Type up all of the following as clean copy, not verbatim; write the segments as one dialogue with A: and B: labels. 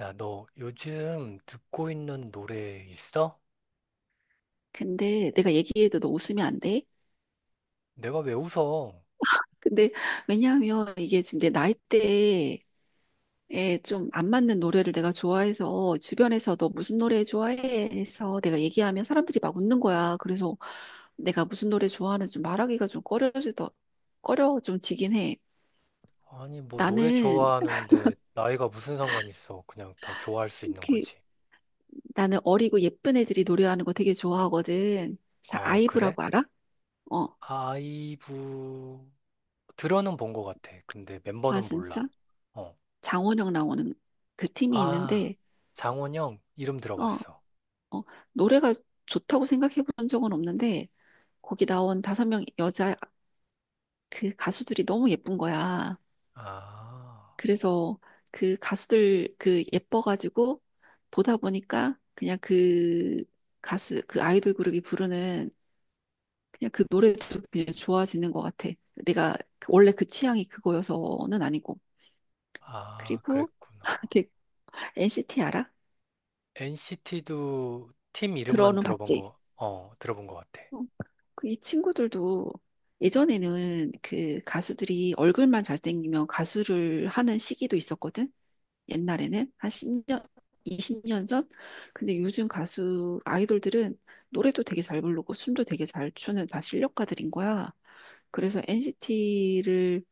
A: 야, 너 요즘 듣고 있는 노래 있어?
B: 근데 내가 얘기해도 너 웃으면 안 돼?
A: 내가 왜 웃어?
B: 근데 왜냐하면 이게 지금 내 나이대에 좀 안 맞는 노래를 내가 좋아해서 주변에서 너 무슨 노래 좋아해? 해서 내가 얘기하면 사람들이 막 웃는 거야. 그래서 내가 무슨 노래 좋아하는지 좀 말하기가 좀 꺼려 좀 지긴 해.
A: 아니, 뭐 노래
B: 나는
A: 좋아하는데 나이가 무슨 상관 있어? 그냥 다 좋아할 수 있는
B: 그
A: 거지.
B: 나는 어리고 예쁜 애들이 노래하는 거 되게 좋아하거든. 그래서
A: 어, 그래?
B: 아이브라고 알아? 어.
A: 아이브 들어는 본 것 같아. 근데
B: 아
A: 멤버는 몰라.
B: 진짜?
A: 어.
B: 장원영 나오는 그 팀이
A: 아,
B: 있는데
A: 장원영 이름
B: 어.
A: 들어봤어.
B: 어, 노래가 좋다고 생각해 본 적은 없는데, 거기 나온 다섯 명 여자 그 가수들이 너무 예쁜 거야.
A: 아,
B: 그래서 그 가수들 그 예뻐가지고 보다 보니까 그냥 그 가수, 그 아이돌 그룹이 부르는 그냥 그 노래도 그냥 좋아지는 것 같아. 내가 원래 그 취향이 그거여서는 아니고.
A: 아,
B: 그리고
A: 그랬구나.
B: 되게 NCT 알아?
A: NCT도 팀 이름만
B: 들어는
A: 들어본
B: 봤지?
A: 거, 들어본 것 같아.
B: 그 이 친구들도 예전에는 그 가수들이 얼굴만 잘생기면 가수를 하는 시기도 있었거든. 옛날에는 한 10년, 20년 전. 근데 요즘 가수 아이돌들은 노래도 되게 잘 부르고 춤도 되게 잘 추는 다 실력가들인 거야. 그래서 NCT를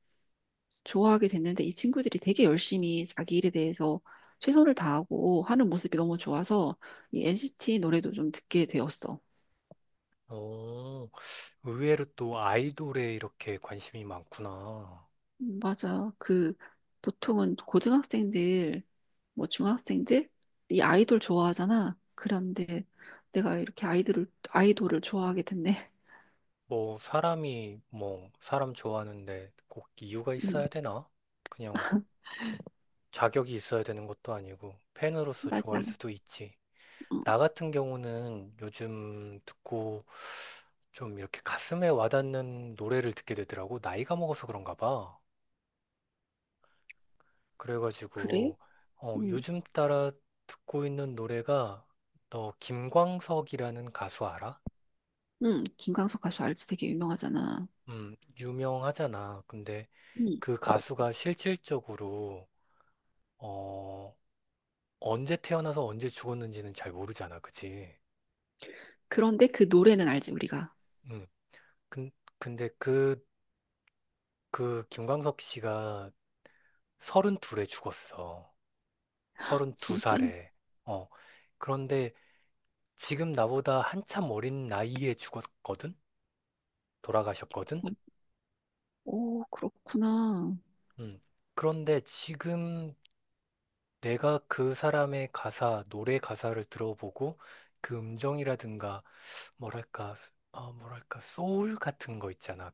B: 좋아하게 됐는데 이 친구들이 되게 열심히 자기 일에 대해서 최선을 다하고 하는 모습이 너무 좋아서 이 NCT 노래도 좀 듣게 되었어.
A: 오. 의외로 또 아이돌에 이렇게 관심이 많구나.
B: 맞아. 그 보통은 고등학생들 뭐 중학생들이 아이돌 좋아하잖아. 그런데 내가 이렇게 아이들을 아이돌을 좋아하게 됐네.
A: 뭐 사람 좋아하는데 꼭 이유가
B: 음,
A: 있어야 되나? 그냥 자격이 있어야 되는 것도 아니고 팬으로서
B: 맞아.
A: 좋아할 수도 있지.
B: 어,
A: 나 같은 경우는 요즘 듣고 좀 이렇게 가슴에 와닿는 노래를 듣게 되더라고. 나이가 먹어서 그런가 봐.
B: 그래?
A: 그래가지고
B: 음,
A: 요즘 따라 듣고 있는 노래가 너 김광석이라는 가수 알아?
B: 김광석 가수 알지? 되게 유명하잖아.
A: 유명하잖아. 근데
B: 음,
A: 그 가수가 실질적으로, 어, 언제 태어나서 언제 죽었는지는 잘 모르잖아. 그치?
B: 그런데 그 노래는 알지 우리가.
A: 음, 근, 근데 그 김광석 씨가 32에 죽었어.
B: 진짜?
A: 32살에. 어, 그런데 지금 나보다 한참 어린 나이에 죽었거든? 돌아가셨거든?
B: 어, 오, 그렇구나.
A: 음, 그런데 지금 내가 그 사람의 가사, 노래 가사를 들어보고 그 음정이라든가 뭐랄까, 뭐랄까, 소울 같은 거 있잖아.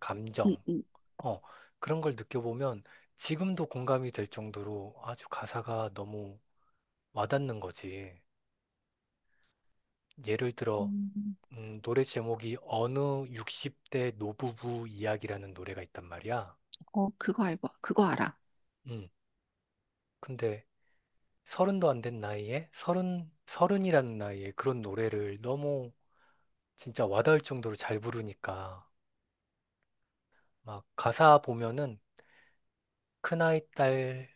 B: 음,
A: 감정.
B: 음,
A: 어, 그런 걸 느껴보면 지금도 공감이 될 정도로 아주 가사가 너무 와닿는 거지. 예를 들어,
B: 음.
A: 노래 제목이 어느 60대 노부부 이야기라는 노래가 있단 말이야.
B: 어, 그거 알아.
A: 음, 근데 서른도 안 된 나이에 서른이라는 나이에 그런 노래를 너무 진짜 와닿을 정도로 잘 부르니까 막 가사 보면은 큰아이 딸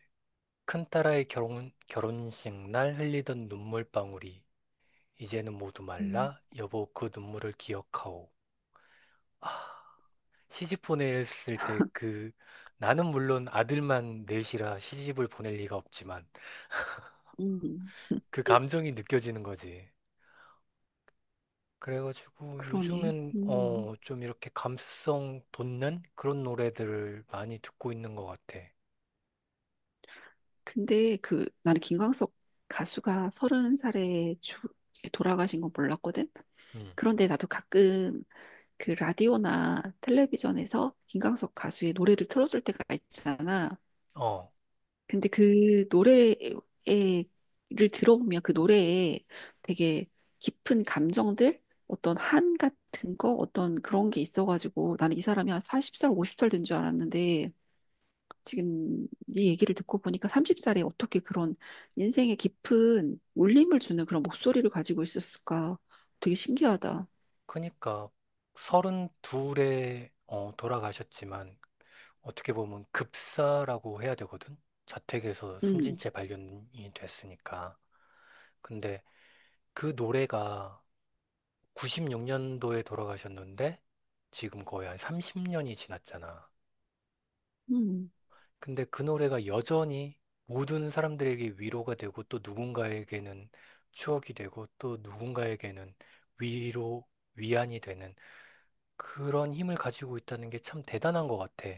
A: 큰딸아이 결혼식 날 흘리던 눈물방울이 이제는 모두
B: 음,
A: 말라. 여보, 그 눈물을 기억하오. 아, 시집 보냈을 때 나는 물론 아들만 넷이라 시집을 보낼 리가 없지만
B: 음,
A: 그 감정이 느껴지는 거지. 그래가지고
B: 그러네.
A: 요즘엔
B: 음.
A: 좀 이렇게 감수성 돋는 그런 노래들을 많이 듣고 있는 것 같아.
B: 근데 그 나는 김광석 가수가 30살에 돌아가신 건 몰랐거든.
A: 음.
B: 그런데 나도 가끔 그 라디오나 텔레비전에서 김광석 가수의 노래를 틀어줄 때가 있잖아.
A: 어,
B: 근데 그 노래를 들어보면 그 노래에 되게 깊은 감정들, 어떤 한 같은 거, 어떤 그런 게 있어가지고 나는 이 사람이 한 40살, 50살 된 줄 알았는데 지금 네 얘기를 듣고 보니까 30살에 어떻게 그런 인생의 깊은 울림을 주는 그런 목소리를 가지고 있었을까? 되게 신기하다.
A: 그니까 서른둘에 돌아가셨지만 어떻게 보면 급사라고 해야 되거든. 자택에서 숨진
B: 음,
A: 채 발견이 됐으니까. 근데 그 노래가 96년도에 돌아가셨는데 지금 거의 한 30년이 지났잖아.
B: 음,
A: 근데 그 노래가 여전히 모든 사람들에게 위로가 되고 또 누군가에게는 추억이 되고 또 누군가에게는 위로, 위안이 되는 그런 힘을 가지고 있다는 게 참 대단한 것 같아.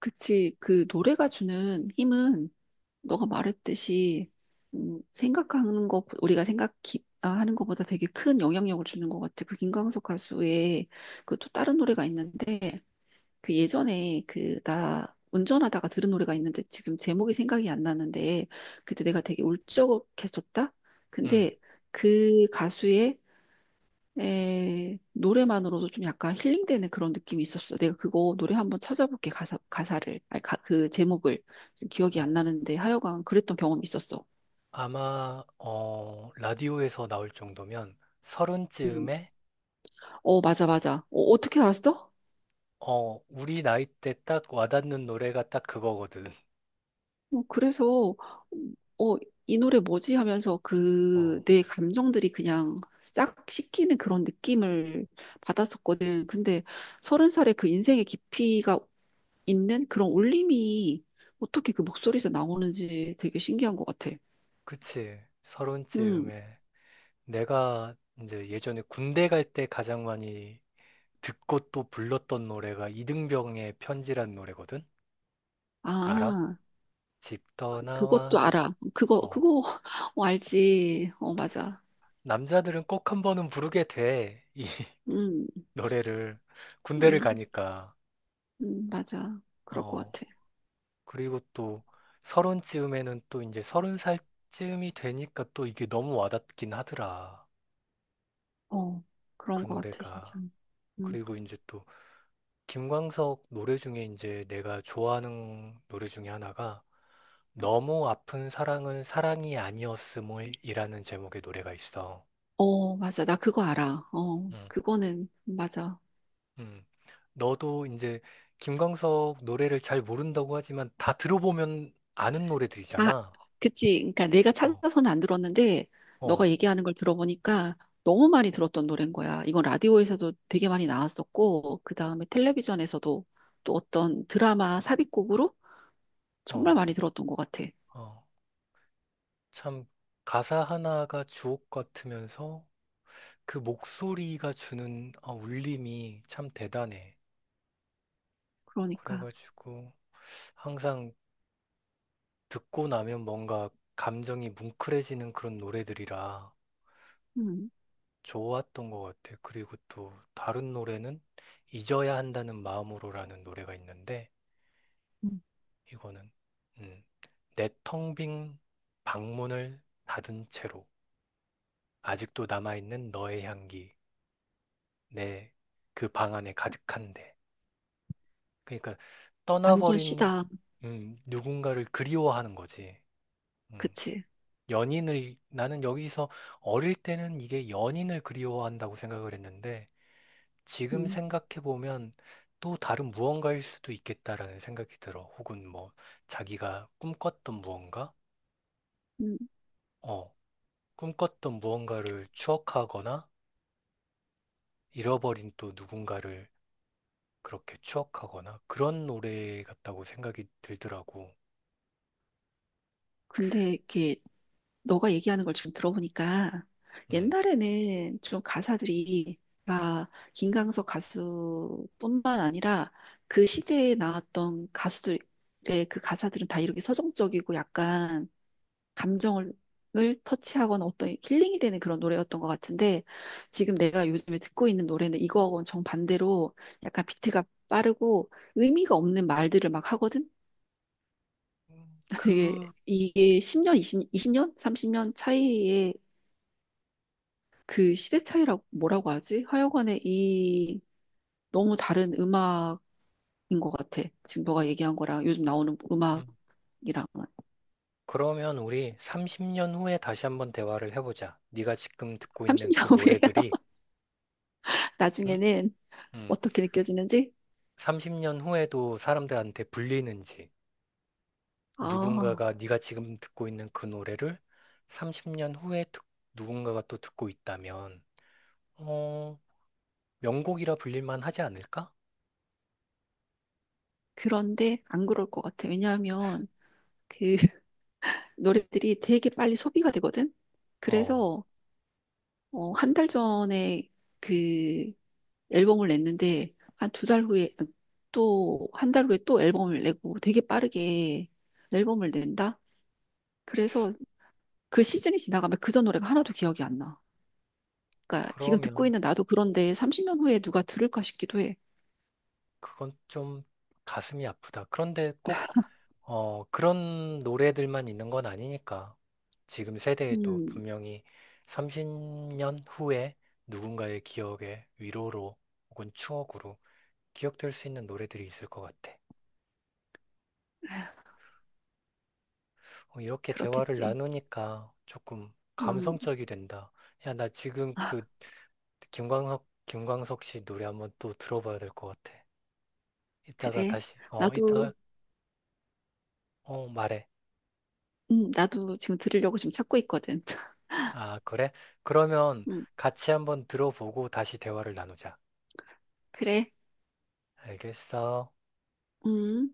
B: 그치. 그 노래가 주는 힘은 너가 말했듯이 우리가 생각하는 것보다 되게 큰 영향력을 주는 것 같아. 그 김광석 가수의 그 또 다른 노래가 있는데 그 예전에 그 나 운전하다가 들은 노래가 있는데 지금 제목이 생각이 안 나는데 그때 내가 되게 울적했었다.
A: 음.
B: 근데 그 가수의 노래만으로도 좀 약간 힐링되는 그런 느낌이 있었어. 내가 그거 노래 한번 찾아볼게 가사를 아니 그 제목을 좀 기억이 안
A: 어,
B: 나는데 하여간 그랬던 경험이 있었어.
A: 아마 라디오에서 나올 정도면
B: 음.
A: 서른쯤에
B: 어 맞아 맞아. 어, 어떻게 알았어?
A: 우리 나이 때 딱 와닿는 노래가 딱 그거거든.
B: 어, 그래서 어, 이 노래 뭐지 하면서 그
A: 어,
B: 내 감정들이 그냥 싹 씻기는 그런 느낌을 받았었거든. 근데 30살에 그 인생의 깊이가 있는 그런 울림이 어떻게 그 목소리에서 나오는지 되게 신기한 것 같아.
A: 그치.
B: 음,
A: 서른쯤에 내가 이제 예전에 군대 갈 때 가장 많이 듣고 또 불렀던 노래가 이등병의 편지란 노래거든. 알아?
B: 아,
A: 집
B: 그것도
A: 떠나와.
B: 알아. 그거,
A: 어,
B: 그거, 어, 알지. 어, 맞아.
A: 남자들은 꼭 한 번은 부르게 돼. 이
B: 음,
A: 노래를 군대를
B: 음,
A: 가니까.
B: 맞아. 그럴 것
A: 어.
B: 같아.
A: 그리고 또 서른쯤에는 또 이제 서른 살쯤이 되니까 또 이게 너무 와닿긴 하더라.
B: 어, 그런
A: 그
B: 것 같아, 진짜.
A: 노래가.
B: 음.
A: 그리고 이제 또 김광석 노래 중에 이제 내가 좋아하는 노래 중에 하나가 너무 아픈 사랑은 사랑이 아니었음이라는 제목의 노래가 있어.
B: 어, 맞아. 나 그거 알아. 어,
A: 음.
B: 그거는, 맞아.
A: 음. 너도 이제 김광석 노래를 잘 모른다고 하지만 다 들어보면 아는
B: 다,
A: 노래들이잖아.
B: 그치. 그러니까 내가
A: 어,
B: 찾아서는 안 들었는데, 너가
A: 어,
B: 얘기하는 걸 들어보니까 너무 많이 들었던 노래인 거야. 이건 라디오에서도 되게 많이 나왔었고, 그 다음에 텔레비전에서도 또 어떤 드라마 삽입곡으로 정말
A: 어,
B: 많이 들었던 것 같아.
A: 어. 참 가사 하나가 주옥 같으면서 그 목소리가 주는 울림이 참 대단해.
B: 그러니까,
A: 그래가지고 항상 듣고 나면 뭔가 감정이 뭉클해지는 그런 노래들이라
B: 음,
A: 좋았던 것 같아. 그리고 또 다른 노래는 잊어야 한다는 마음으로라는 노래가 있는데
B: 음,
A: 이거는 음, 내텅 빈 방문을 닫은 채로 아직도 남아있는 너의 향기 내 그 방 안에 가득한데. 그러니까
B: 완전
A: 떠나버린
B: 시다.
A: 누군가를 그리워하는 거지. 음,
B: 그치.
A: 연인을 나는 여기서 어릴 때는 이게 연인을 그리워한다고 생각을 했는데 지금
B: 음,
A: 생각해 보면 또 다른 무언가일 수도 있겠다라는 생각이 들어. 혹은 뭐 자기가 꿈꿨던
B: 음.
A: 어, 무언가를 추억하거나 잃어버린 또 누군가를 그렇게 추억하거나 그런 노래 같다고 생각이 들더라고.
B: 근데 이렇게 너가 얘기하는 걸 지금 들어보니까
A: 음.
B: 옛날에는 좀 가사들이 막 김광석 가수뿐만 아니라 그 시대에 나왔던 가수들의 그 가사들은 다 이렇게 서정적이고 약간 감정을 을 터치하거나 어떤 힐링이 되는 그런 노래였던 것 같은데 지금 내가 요즘에 듣고 있는 노래는 이거하고는 정반대로 약간 비트가 빠르고 의미가 없는 말들을 막 하거든?
A: 음,
B: 되게
A: 그
B: 이게 10년, 20, 이십 년 30년 차이의 그 시대 차이라고 뭐라고 하지? 하여간에 이 너무 다른 음악인 것 같아. 지금 너가 얘기한 거랑 요즘 나오는 음악이랑은
A: 음. 그러면 우리 30년 후에 다시 한번 대화를 해보자. 네가 지금 듣고 있는
B: 30년
A: 그
B: 후에
A: 노래들이, 응?
B: 나중에는
A: 음,
B: 어떻게 느껴지는지?
A: 30년 후에도 사람들한테 불리는지,
B: 아,
A: 누군가가 네가 지금 듣고 있는 그 노래를 30년 후에 누군가가 또 듣고 있다면, 어, 명곡이라 불릴만 하지 않을까?
B: 그런데 안 그럴 것 같아. 왜냐하면 그 노래들이 되게 빨리 소비가 되거든.
A: 어,
B: 그래서 어, 한 달 전에 그 앨범을 냈는데 한 두 달 후에 또 한 달 후에 또 앨범을 내고 되게 빠르게 앨범을 낸다? 그래서 그 시즌이 지나가면 그 전 노래가 하나도 기억이 안 나. 그러니까 지금 듣고
A: 그러면
B: 있는 나도 그런데 30년 후에 누가 들을까 싶기도 해.
A: 그건 좀 가슴이 아프다. 그런데 꼭 그런 노래들만 있는 건 아니니까. 지금 세대에도
B: 음,
A: 분명히 30년 후에 누군가의 기억에 위로로 혹은 추억으로 기억될 수 있는 노래들이 있을 것 같아. 이렇게 대화를
B: 그렇겠지.
A: 나누니까 조금
B: 음,
A: 감성적이 된다. 야, 나 지금 그 김광석 씨 노래 한번 또 들어봐야 될 것 같아. 이따가
B: 그래.
A: 다시, 이따가,
B: 나도,
A: 말해.
B: 나도 지금 들으려고 지금 찾고 있거든.
A: 아, 그래? 그러면
B: 음,
A: 같이 한번 들어보고 다시 대화를 나누자.
B: 그래.
A: 알겠어.
B: 음.